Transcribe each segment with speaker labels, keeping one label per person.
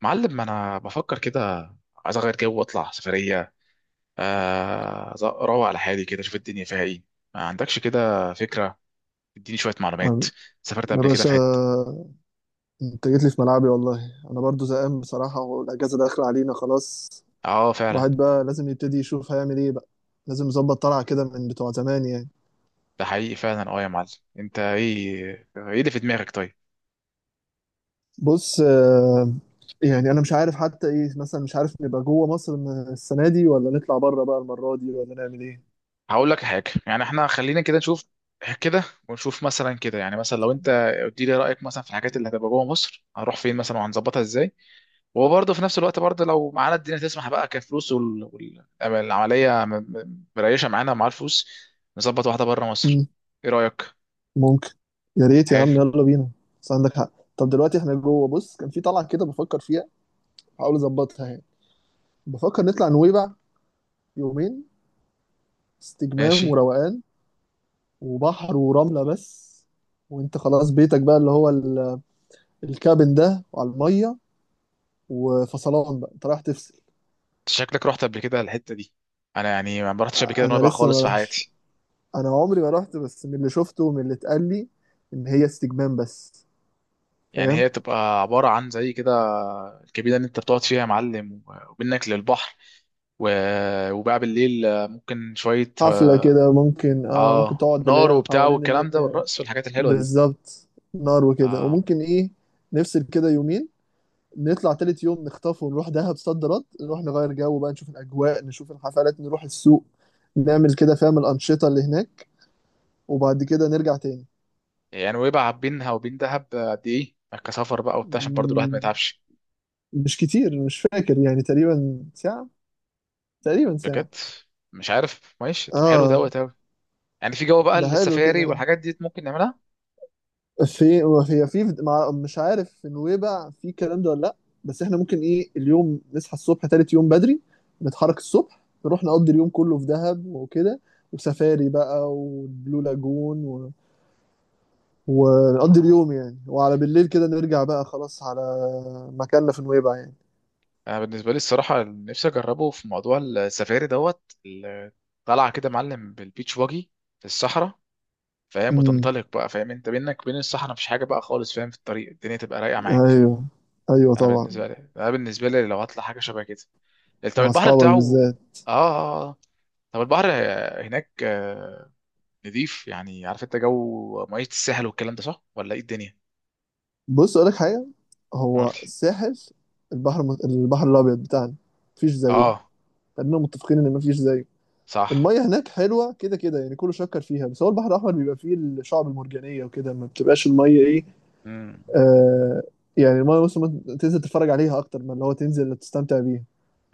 Speaker 1: معلم، ما انا بفكر كده. عايز اغير جو واطلع سفريه. اروق على حالي كده، اشوف الدنيا فيها ايه. ما عندكش كده؟ فكره؟ اديني شويه معلومات.
Speaker 2: أم-
Speaker 1: سافرت
Speaker 2: يا
Speaker 1: قبل كده
Speaker 2: باشا،
Speaker 1: في حته؟
Speaker 2: انت جيت لي في ملعبي. والله انا برضو زهقان بصراحة، والاجازة داخلة علينا خلاص.
Speaker 1: اه، فعلا.
Speaker 2: الواحد بقى لازم يبتدي يشوف هيعمل ايه بقى، لازم يظبط طلعة كده من بتوع زمان يعني.
Speaker 1: ده حقيقي فعلا، اه يا معلم. انت ايه اللي في دماغك، طيب؟
Speaker 2: بص، يعني انا مش عارف حتى ايه مثلا. مش عارف نبقى جوه مصر من السنة دي، ولا نطلع بره بقى المرة دي، ولا نعمل ايه.
Speaker 1: هقول لك حاجه، يعني احنا خلينا كده نشوف كده، ونشوف مثلا كده، يعني مثلا لو انت قلت لي رايك مثلا في الحاجات اللي هتبقى جوه مصر، هنروح فين مثلا وهنظبطها ازاي؟ وبرضه في نفس الوقت، برضه لو معانا الدنيا تسمح بقى كفلوس والعملية مريشة معانا مع الفلوس، نظبط واحدة بره مصر.
Speaker 2: مم.
Speaker 1: ايه رأيك؟
Speaker 2: ممكن. يا ريت يا
Speaker 1: حلو.
Speaker 2: عم، يلا بينا. بس عندك حق. طب دلوقتي احنا جوه، بص كان في طلعة كده بفكر فيها، بحاول اظبطها يعني. بفكر نطلع نويبع يومين، استجمام
Speaker 1: ماشي.
Speaker 2: وروقان، وبحر ورملة بس. وانت خلاص بيتك بقى اللي هو الكابن ده، وعلى المية، وفصلان بقى انت رايح تفصل.
Speaker 1: انت شكلك رحت قبل كده الحتة دي. انا يعني ما رحتش قبل كده
Speaker 2: انا
Speaker 1: نويبع
Speaker 2: لسه
Speaker 1: خالص
Speaker 2: ما
Speaker 1: في
Speaker 2: رحش،
Speaker 1: حياتي.
Speaker 2: انا عمري ما رحت، بس من اللي شفته ومن اللي اتقال لي ان هي استجمام بس.
Speaker 1: يعني
Speaker 2: فاهم.
Speaker 1: هي تبقى عبارة عن زي كده، الكبيرة اللي انت بتقعد فيها يا معلم، وبينك للبحر و... وبقى بالليل ممكن شوية.
Speaker 2: حفلة كده ممكن، ممكن
Speaker 1: اه،
Speaker 2: تقعد، اللي
Speaker 1: نار
Speaker 2: هي
Speaker 1: وبتاع
Speaker 2: حوالين اللي
Speaker 1: والكلام ده
Speaker 2: هي.
Speaker 1: والرقص والحاجات الحلوة دي.
Speaker 2: بالظبط، نار وكده،
Speaker 1: اه،
Speaker 2: وممكن ايه نفصل كده يومين. نطلع تالت يوم، نخطف ونروح دهب صد رد، نروح نغير جو بقى، نشوف الأجواء، نشوف الحفلات، نروح السوق، نعمل كده، فاهم الأنشطة اللي هناك، وبعد كده نرجع تاني.
Speaker 1: يعني ويبقى بينها وبين دهب قد ايه يعني كسفر بقى وبتاع، عشان برضو الواحد ما
Speaker 2: مم،
Speaker 1: يتعبش.
Speaker 2: مش كتير، مش فاكر يعني، تقريبا ساعة، تقريبا ساعة.
Speaker 1: بجد. مش عارف. ماشي، طب حلو
Speaker 2: اه،
Speaker 1: دوت اوي. يعني في جو بقى
Speaker 2: ده حلو
Speaker 1: السفاري
Speaker 2: كده.
Speaker 1: والحاجات دي ممكن نعملها.
Speaker 2: في هي في مع- مش عارف في نويبع في الكلام ده ولا لا. بس احنا ممكن ايه، اليوم نصحى الصبح تالت يوم بدري، نتحرك الصبح، نروح نقضي اليوم كله في دهب وكده، وسفاري بقى والبلو لاجون ونقضي
Speaker 1: اه،
Speaker 2: اليوم يعني، وعلى بالليل كده نرجع بقى خلاص على مكاننا في نويبع يعني.
Speaker 1: انا بالنسبه لي الصراحه نفسي اجربه في موضوع السفاري دوت طالعه كده معلم بالبيتش واجي في الصحراء، فاهم،
Speaker 2: امم
Speaker 1: وتنطلق بقى. فاهم انت بينك وبين الصحراء مفيش حاجه بقى خالص، فاهم، في الطريق الدنيا تبقى رايقه معاك.
Speaker 2: ايوه، ايوه
Speaker 1: انا
Speaker 2: طبعا.
Speaker 1: بالنسبه لي انا بالنسبه لي لو هطلع حاجه شبه كده، طب
Speaker 2: ومع
Speaker 1: البحر
Speaker 2: اصحابك
Speaker 1: بتاعه. اه،
Speaker 2: بالذات.
Speaker 1: اه، آه. طب البحر هناك نضيف، يعني عارف انت جو ميه الساحل والكلام ده، صح ولا ايه الدنيا؟
Speaker 2: بص اقول لك حاجه،
Speaker 1: قول
Speaker 2: هو
Speaker 1: لي.
Speaker 2: الساحل. البحر الابيض بتاعنا مفيش زيه.
Speaker 1: اه،
Speaker 2: خلينا متفقين ان مفيش زيه.
Speaker 1: صح.
Speaker 2: الميه هناك حلوه كده كده يعني، كله شكر فيها، بس هو البحر الاحمر بيبقى فيه الشعب المرجانيه وكده، ما بتبقاش الميه ايه.
Speaker 1: امم.
Speaker 2: آه يعني الميه، بص، ما تنزل تتفرج عليها اكتر من اللي هو تنزل تستمتع بيها.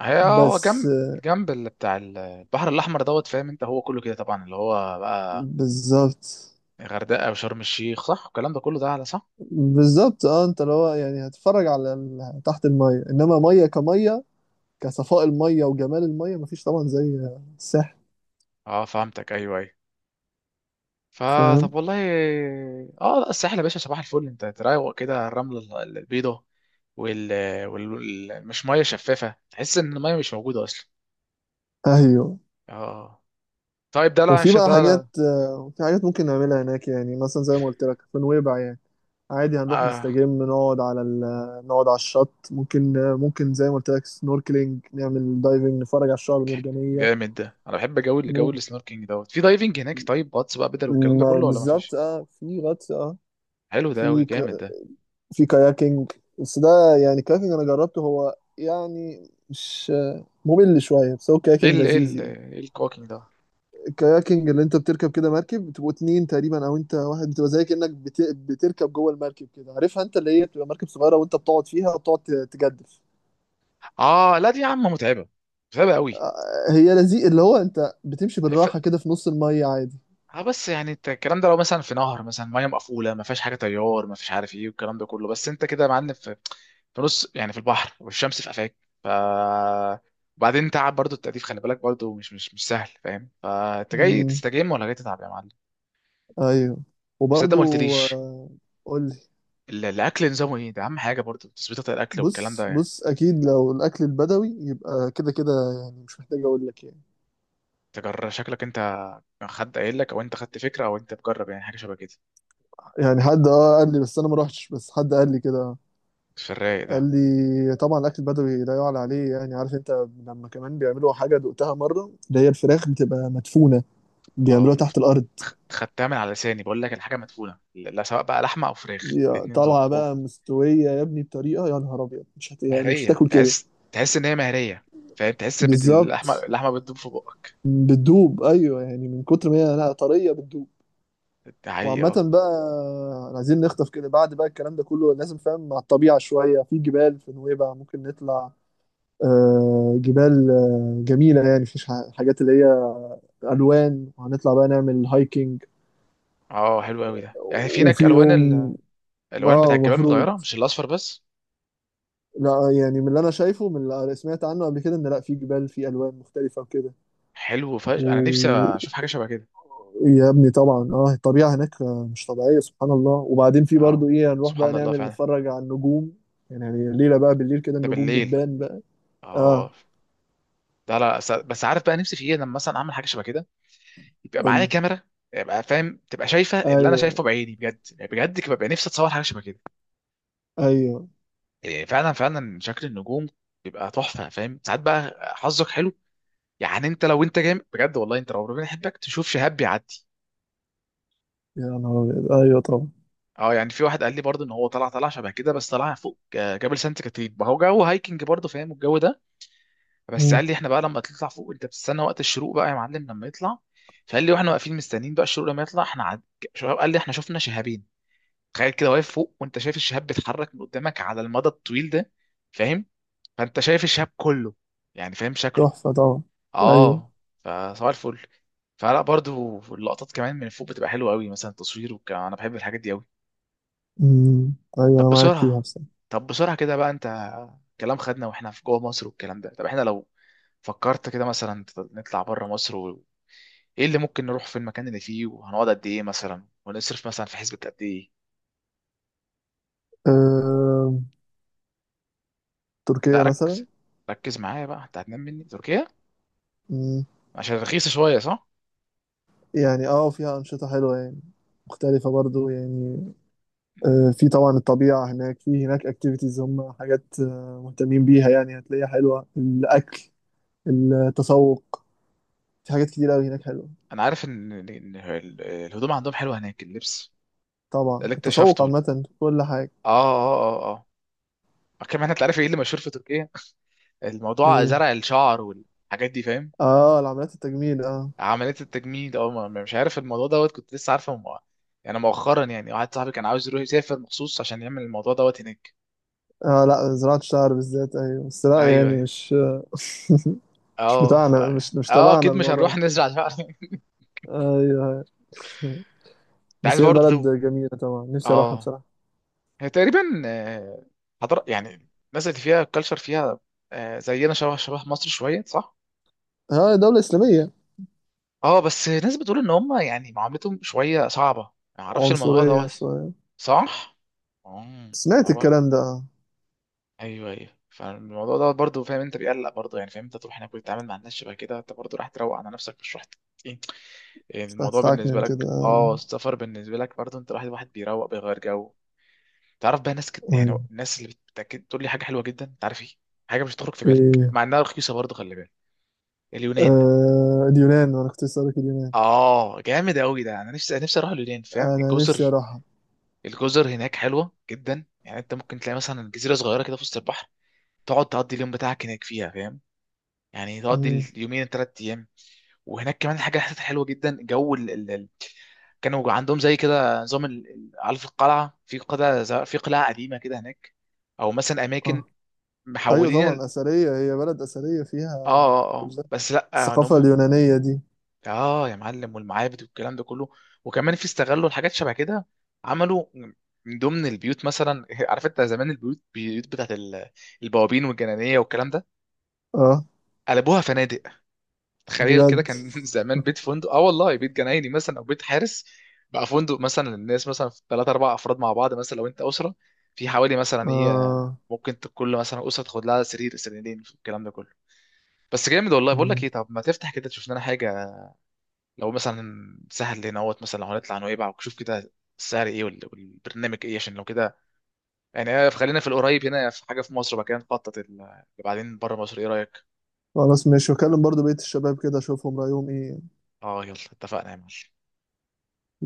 Speaker 1: هي هو
Speaker 2: بس.
Speaker 1: جنب، جنب اللي بتاع البحر الاحمر دوت، فاهم انت، هو كله كده طبعا اللي هو بقى
Speaker 2: بالظبط.
Speaker 1: غردقه وشرم الشيخ، صح الكلام ده كله ده على صح.
Speaker 2: بالظبط اه، انت اللي هو يعني هتتفرج على تحت الميه، انما ميه كميه، كصفاء الميه وجمال الميه مفيش طبعا زي الساحل.
Speaker 1: اه، فهمتك، ايوه، ايوه. فطب
Speaker 2: فاهم.
Speaker 1: والله. اه، لا الساحل يا باشا، صباح الفل. انت تروق كده الرمله البيضاء وال... مش ميه شفافه، تحس ان الميه مش موجوده اصلا.
Speaker 2: ايوه.
Speaker 1: اه. طيب ده لا،
Speaker 2: وفي
Speaker 1: مش
Speaker 2: بقى
Speaker 1: ده
Speaker 2: حاجات،
Speaker 1: لا.
Speaker 2: في حاجات ممكن نعملها هناك يعني، مثلا زي ما قلت لك في نويبع يعني. عادي هنروح
Speaker 1: آه.
Speaker 2: نستجم، نقعد على نقعد على الشط ممكن، ممكن زي ما قلت لك سنوركلينج، نعمل دايفنج، نتفرج على الشعاب المرجانيه.
Speaker 1: جامد ده، انا بحب جو اللي جو
Speaker 2: ممكن،
Speaker 1: السنوركينج دوت في دايفنج هناك، طيب غطس بقى بدل، والكلام ده كله ولا ما
Speaker 2: بالظبط
Speaker 1: فيش؟
Speaker 2: اه، في غطس اه.
Speaker 1: حلو ده قوي،
Speaker 2: في ك...
Speaker 1: جامد ده.
Speaker 2: في كاياكينج. بس ده يعني كاياكينج انا جربته، هو يعني مش ممل شويه، بس هو كاياكينج لذيذ يعني.
Speaker 1: ايه الكواكينج ده؟
Speaker 2: الكاياكينج اللي انت بتركب كده مركب، بتبقوا اتنين تقريبا او انت واحد، بتبقى زي كأنك بتركب جوه المركب كده، عارفها انت اللي هي بتبقى مركب صغيرة، وانت بتقعد فيها، وبتقعد تجدف.
Speaker 1: اه لا، دي يا عم متعبه، متعبه قوي.
Speaker 2: هي لذيذ اللي هو انت بتمشي
Speaker 1: ف...
Speaker 2: بالراحة كده في نص المية عادي.
Speaker 1: اه بس يعني انت الكلام ده لو مثلا في نهر، مثلا ميه مقفوله ما فيهاش حاجه، تيار ما فيش، عارف ايه والكلام ده كله، بس انت كده يا معلم في نص يعني في البحر والشمس في قفاك، ف وبعدين تعب برضو التأديف، خلي بالك برضو مش سهل. فاهم؟ فانت جاي
Speaker 2: مم.
Speaker 1: تستجم ولا جاي تتعب يا معلم؟
Speaker 2: ايوه.
Speaker 1: بس انت ما
Speaker 2: وبرضو.
Speaker 1: قلتليش،
Speaker 2: آه، قول لي.
Speaker 1: الاكل نظامه ايه؟ ده اهم حاجه برضه، تظبيطه الاكل والكلام
Speaker 2: بص،
Speaker 1: ده يعني.
Speaker 2: بص اكيد لو الاكل البدوي يبقى كده كده يعني، مش محتاج اقول لك يعني.
Speaker 1: تجرب شكلك انت؟ حد قايل لك، او انت خدت فكره، او انت بجرب يعني حاجه شبه كده
Speaker 2: يعني حد قال لي، بس انا ما روحتش، بس حد قال لي كده.
Speaker 1: في الرايق ده؟
Speaker 2: قال لي طبعا الاكل البدوي لا يعلى عليه يعني. عارف انت لما كمان بيعملوا حاجه دقتها مره، اللي هي الفراخ بتبقى مدفونه، بيعملوها
Speaker 1: اه، كنت
Speaker 2: تحت الارض.
Speaker 1: خدتها من على لساني بقول لك الحاجه مدفونه، لا سواء بقى لحمه او فراخ الاتنين دول
Speaker 2: طالعه
Speaker 1: اوب.
Speaker 2: بقى مستويه يا ابني بطريقه، يا نهار ابيض، مش يعني مش
Speaker 1: مهريه،
Speaker 2: هتاكل كده.
Speaker 1: تحس تحس ان هي مهريه، فاهم؟ تحس باللحمه اللحمه
Speaker 2: بالظبط،
Speaker 1: اللحمه بتدوب في بقك.
Speaker 2: بتدوب، ايوه، يعني من كتر ما هي لا طريه بتدوب.
Speaker 1: ده حقيقي،
Speaker 2: وعامة
Speaker 1: اه.
Speaker 2: بقى، عايزين نخطف كده بعد بقى الكلام ده كله لازم فاهم، مع الطبيعة شوية، في جبال في نويبع ممكن نطلع، جبال جميلة يعني، مفيش حاجات اللي هي الوان، وهنطلع بقى نعمل هايكنج.
Speaker 1: اه، حلو قوي ده. يعني في هناك
Speaker 2: وفي
Speaker 1: الوان
Speaker 2: يوم
Speaker 1: الالوان
Speaker 2: اه
Speaker 1: بتاع الجبال
Speaker 2: المفروض،
Speaker 1: متغيره، مش الاصفر بس.
Speaker 2: لا يعني من اللي انا شايفه، من اللي سمعت عنه قبل كده، ان لا في جبال في الوان مختلفه وكده.
Speaker 1: حلو، فش انا نفسي
Speaker 2: و
Speaker 1: اشوف حاجه شبه كده.
Speaker 2: يا ابني طبعا اه الطبيعه هناك، مش طبيعيه، سبحان الله. وبعدين في برضو
Speaker 1: اه،
Speaker 2: ايه، هنروح بقى
Speaker 1: سبحان الله
Speaker 2: نعمل
Speaker 1: فعلا.
Speaker 2: نتفرج على النجوم. يعني الليله بقى بالليل كده
Speaker 1: ده
Speaker 2: النجوم
Speaker 1: بالليل؟
Speaker 2: بتبان بقى. اه.
Speaker 1: اه. لا، لا، بس عارف بقى نفسي في ايه لما مثلا اعمل حاجه شبه كده؟ يبقى
Speaker 2: قول
Speaker 1: معايا
Speaker 2: لي.
Speaker 1: كاميرا، يبقى فاهم تبقى شايفه اللي انا
Speaker 2: ايوه،
Speaker 1: شايفه بعيني بجد، يعني بجد كده ببقى نفسي اتصور حاجه شبه كده.
Speaker 2: ايوه،
Speaker 1: يعني فعلا فعلا شكل النجوم بيبقى تحفه، فاهم؟ ساعات بقى حظك حلو، يعني انت لو انت جامد بجد والله، انت لو ربنا يحبك تشوف شهاب بيعدي.
Speaker 2: يا نهار ابيض، ايوه طبعا.
Speaker 1: اه، يعني في واحد قال لي برضه ان هو طلع طلع شبه كده، بس طلع فوق جبل سانت كاترين، ما هو جو هايكنج برضه، فاهم الجو ده، بس
Speaker 2: مم.
Speaker 1: قال لي احنا بقى لما تطلع فوق انت بتستنى وقت الشروق بقى يا معلم لما يطلع. فقال لي واحنا واقفين مستنيين بقى الشروق لما يطلع، شباب، قال لي احنا شفنا شهابين. تخيل كده واقف فوق وانت شايف الشهاب بيتحرك من قدامك على المدى الطويل ده، فاهم؟ فانت شايف الشهاب كله، يعني فاهم شكله.
Speaker 2: تحفه طبعا. ايوه.
Speaker 1: اه، فصباح الفل. فلا، برضو اللقطات كمان من فوق بتبقى حلوه قوي، مثلا تصوير وكلام. انا بحب الحاجات دي قوي.
Speaker 2: مم. ايوه
Speaker 1: طب
Speaker 2: انا معاك فيها
Speaker 1: بسرعة،
Speaker 2: بصراحه.
Speaker 1: كده بقى انت، كلام خدنا واحنا في جوه مصر والكلام ده، طب احنا لو فكرت كده مثلا نطلع بره مصر ايه اللي ممكن نروح في المكان اللي فيه، وهنقعد قد ايه مثلا، ونصرف مثلا في حسبة قد ايه؟
Speaker 2: آه،
Speaker 1: لا،
Speaker 2: تركيا
Speaker 1: ركز،
Speaker 2: مثلا.
Speaker 1: ركز معايا بقى. انت هتنام مني تركيا
Speaker 2: مم.
Speaker 1: عشان رخيصة شوية، صح؟
Speaker 2: يعني فيها أنشطة حلوة يعني، مختلفة برضو يعني.
Speaker 1: مم.
Speaker 2: في طبعا الطبيعة هناك، في هناك اكتيفيتيز، هم حاجات مهتمين بيها يعني، هتلاقيها حلوة. الأكل، التسوق، في حاجات كتير أوي هناك حلوة.
Speaker 1: انا عارف ان الهدوم عندهم حلوة هناك، اللبس ده
Speaker 2: طبعا
Speaker 1: اللي
Speaker 2: التسوق
Speaker 1: اكتشفته. اه،
Speaker 2: عامة، في كل حاجة.
Speaker 1: اه، اه، اه، كمان انت عارف ايه اللي مشهور في تركيا؟ الموضوع
Speaker 2: إيه.
Speaker 1: زرع الشعر والحاجات دي، فاهم.
Speaker 2: اه، العمليات التجميل اه.
Speaker 1: عمليه التجميل ده، اه مش عارف الموضوع دوت، كنت لسه عارفه يعني مؤخرا، يعني واحد صاحبي كان عاوز يروح يسافر مخصوص عشان يعمل الموضوع دوت هناك.
Speaker 2: اه لا، زراعة الشعر بالذات ايوه، بس لا
Speaker 1: ايوه،
Speaker 2: يعني
Speaker 1: ايوه.
Speaker 2: مش. مش
Speaker 1: اه،
Speaker 2: بتاعنا مش
Speaker 1: اه
Speaker 2: تبعنا
Speaker 1: اكيد مش
Speaker 2: الموضوع
Speaker 1: هنروح
Speaker 2: ده.
Speaker 1: نزرع شعر.
Speaker 2: ايوه. أيوة.
Speaker 1: انت عايز
Speaker 2: بس هي
Speaker 1: برضه
Speaker 2: البلد
Speaker 1: تدوب.
Speaker 2: جميلة طبعا، نفسي اروحها
Speaker 1: اه،
Speaker 2: بصراحة.
Speaker 1: هي تقريبا حضر يعني، الناس اللي فيها الكالتشر فيها زينا، شبه شبه مصر شويه، صح.
Speaker 2: ها، دولة إسلامية.
Speaker 1: اه، بس ناس بتقول ان هم، يعني معاملتهم شويه صعبه، ما اعرفش الموضوع
Speaker 2: عنصرية
Speaker 1: ده.
Speaker 2: شوية.
Speaker 1: صح. اه.
Speaker 2: سمعت الكلام ده آه.
Speaker 1: ايوه، ايوه، فالموضوع ده برضه، فاهم انت بيقلق برضه، يعني فاهم انت تروح هناك وتتعامل مع الناس شبه كده، انت برضه راح تروق على نفسك، مش رحت. ايه، يعني
Speaker 2: سمعت
Speaker 1: الموضوع بالنسبه
Speaker 2: تعكنن كده
Speaker 1: لك،
Speaker 2: آه.
Speaker 1: اه السفر بالنسبه لك برضه، انت راح، الواحد واحد بيروق بيغير جو. تعرف بقى ناس يعني
Speaker 2: يعني.
Speaker 1: الناس اللي بتتاكد تقول لي حاجه حلوه جدا، انت عارف ايه؟ حاجه مش هتخرج في بالك
Speaker 2: إيه.
Speaker 1: مع انها رخيصه، برضه خلي بالك. اليونان.
Speaker 2: آه، اليونان. أنا كنت لسه لك اليونان.
Speaker 1: اه، جامد قوي ده، انا نفسي نفسي اروح اليونان، فاهم
Speaker 2: أنا نفسي
Speaker 1: الجزر.
Speaker 2: أروحها.
Speaker 1: الجزر هناك حلوه جدا، يعني انت ممكن تلاقي مثلا جزيره صغيره كده في وسط البحر، تقعد تقضي اليوم بتاعك هناك فيها، فاهم؟ يعني تقضي
Speaker 2: مم.
Speaker 1: اليومين الثلاث ايام. وهناك كمان حاجه حسيتها حلوه جدا، جو كانوا عندهم زي كده نظام عارف القلعه، في قلعه قديمه كده هناك، او مثلا اماكن
Speaker 2: آه. أيوة
Speaker 1: محولين
Speaker 2: طبعا، أثرية، هي بلد أثرية فيها
Speaker 1: اه، اه،
Speaker 2: كل
Speaker 1: اه،
Speaker 2: ده،
Speaker 1: بس لا ان
Speaker 2: الثقافة
Speaker 1: هم.
Speaker 2: اليونانية دي.
Speaker 1: اه يا معلم، والمعابد والكلام ده كله، وكمان في استغلوا الحاجات شبه كده، عملوا من ضمن البيوت مثلا. عارف انت زمان، البيوت البيوت بتاعت البوابين والجنانيه والكلام ده،
Speaker 2: آه.
Speaker 1: قلبوها فنادق. تخيل كده،
Speaker 2: بجد.
Speaker 1: كان زمان بيت فندق، اه والله، بيت جنايني مثلا او بيت حارس بقى فندق، مثلا الناس مثلا في ثلاثة أربع أفراد مع بعض، مثلا لو أنت أسرة في حوالي مثلا إيه،
Speaker 2: آه.
Speaker 1: ممكن كل مثلا أسرة تاخد لها سرير سريرين، الكلام ده كله. بس جامد والله. بقول لك
Speaker 2: مم.
Speaker 1: إيه، طب ما تفتح كده تشوف لنا حاجة، لو مثلا سهل لنا اهوت مثلا، لو هنطلع نويبع وشوف كده السعر إيه، والبرنامج إيه، عشان لو كده يعني خلينا في القريب هنا في حاجة في مصر بقى كده، نخطط اللي بعدين بره مصر. إيه رأيك؟
Speaker 2: خلاص ماشي، وأكلم برضو بقية الشباب كده أشوفهم رأيهم إيه.
Speaker 1: أه، يلا اتفقنا يا معلم.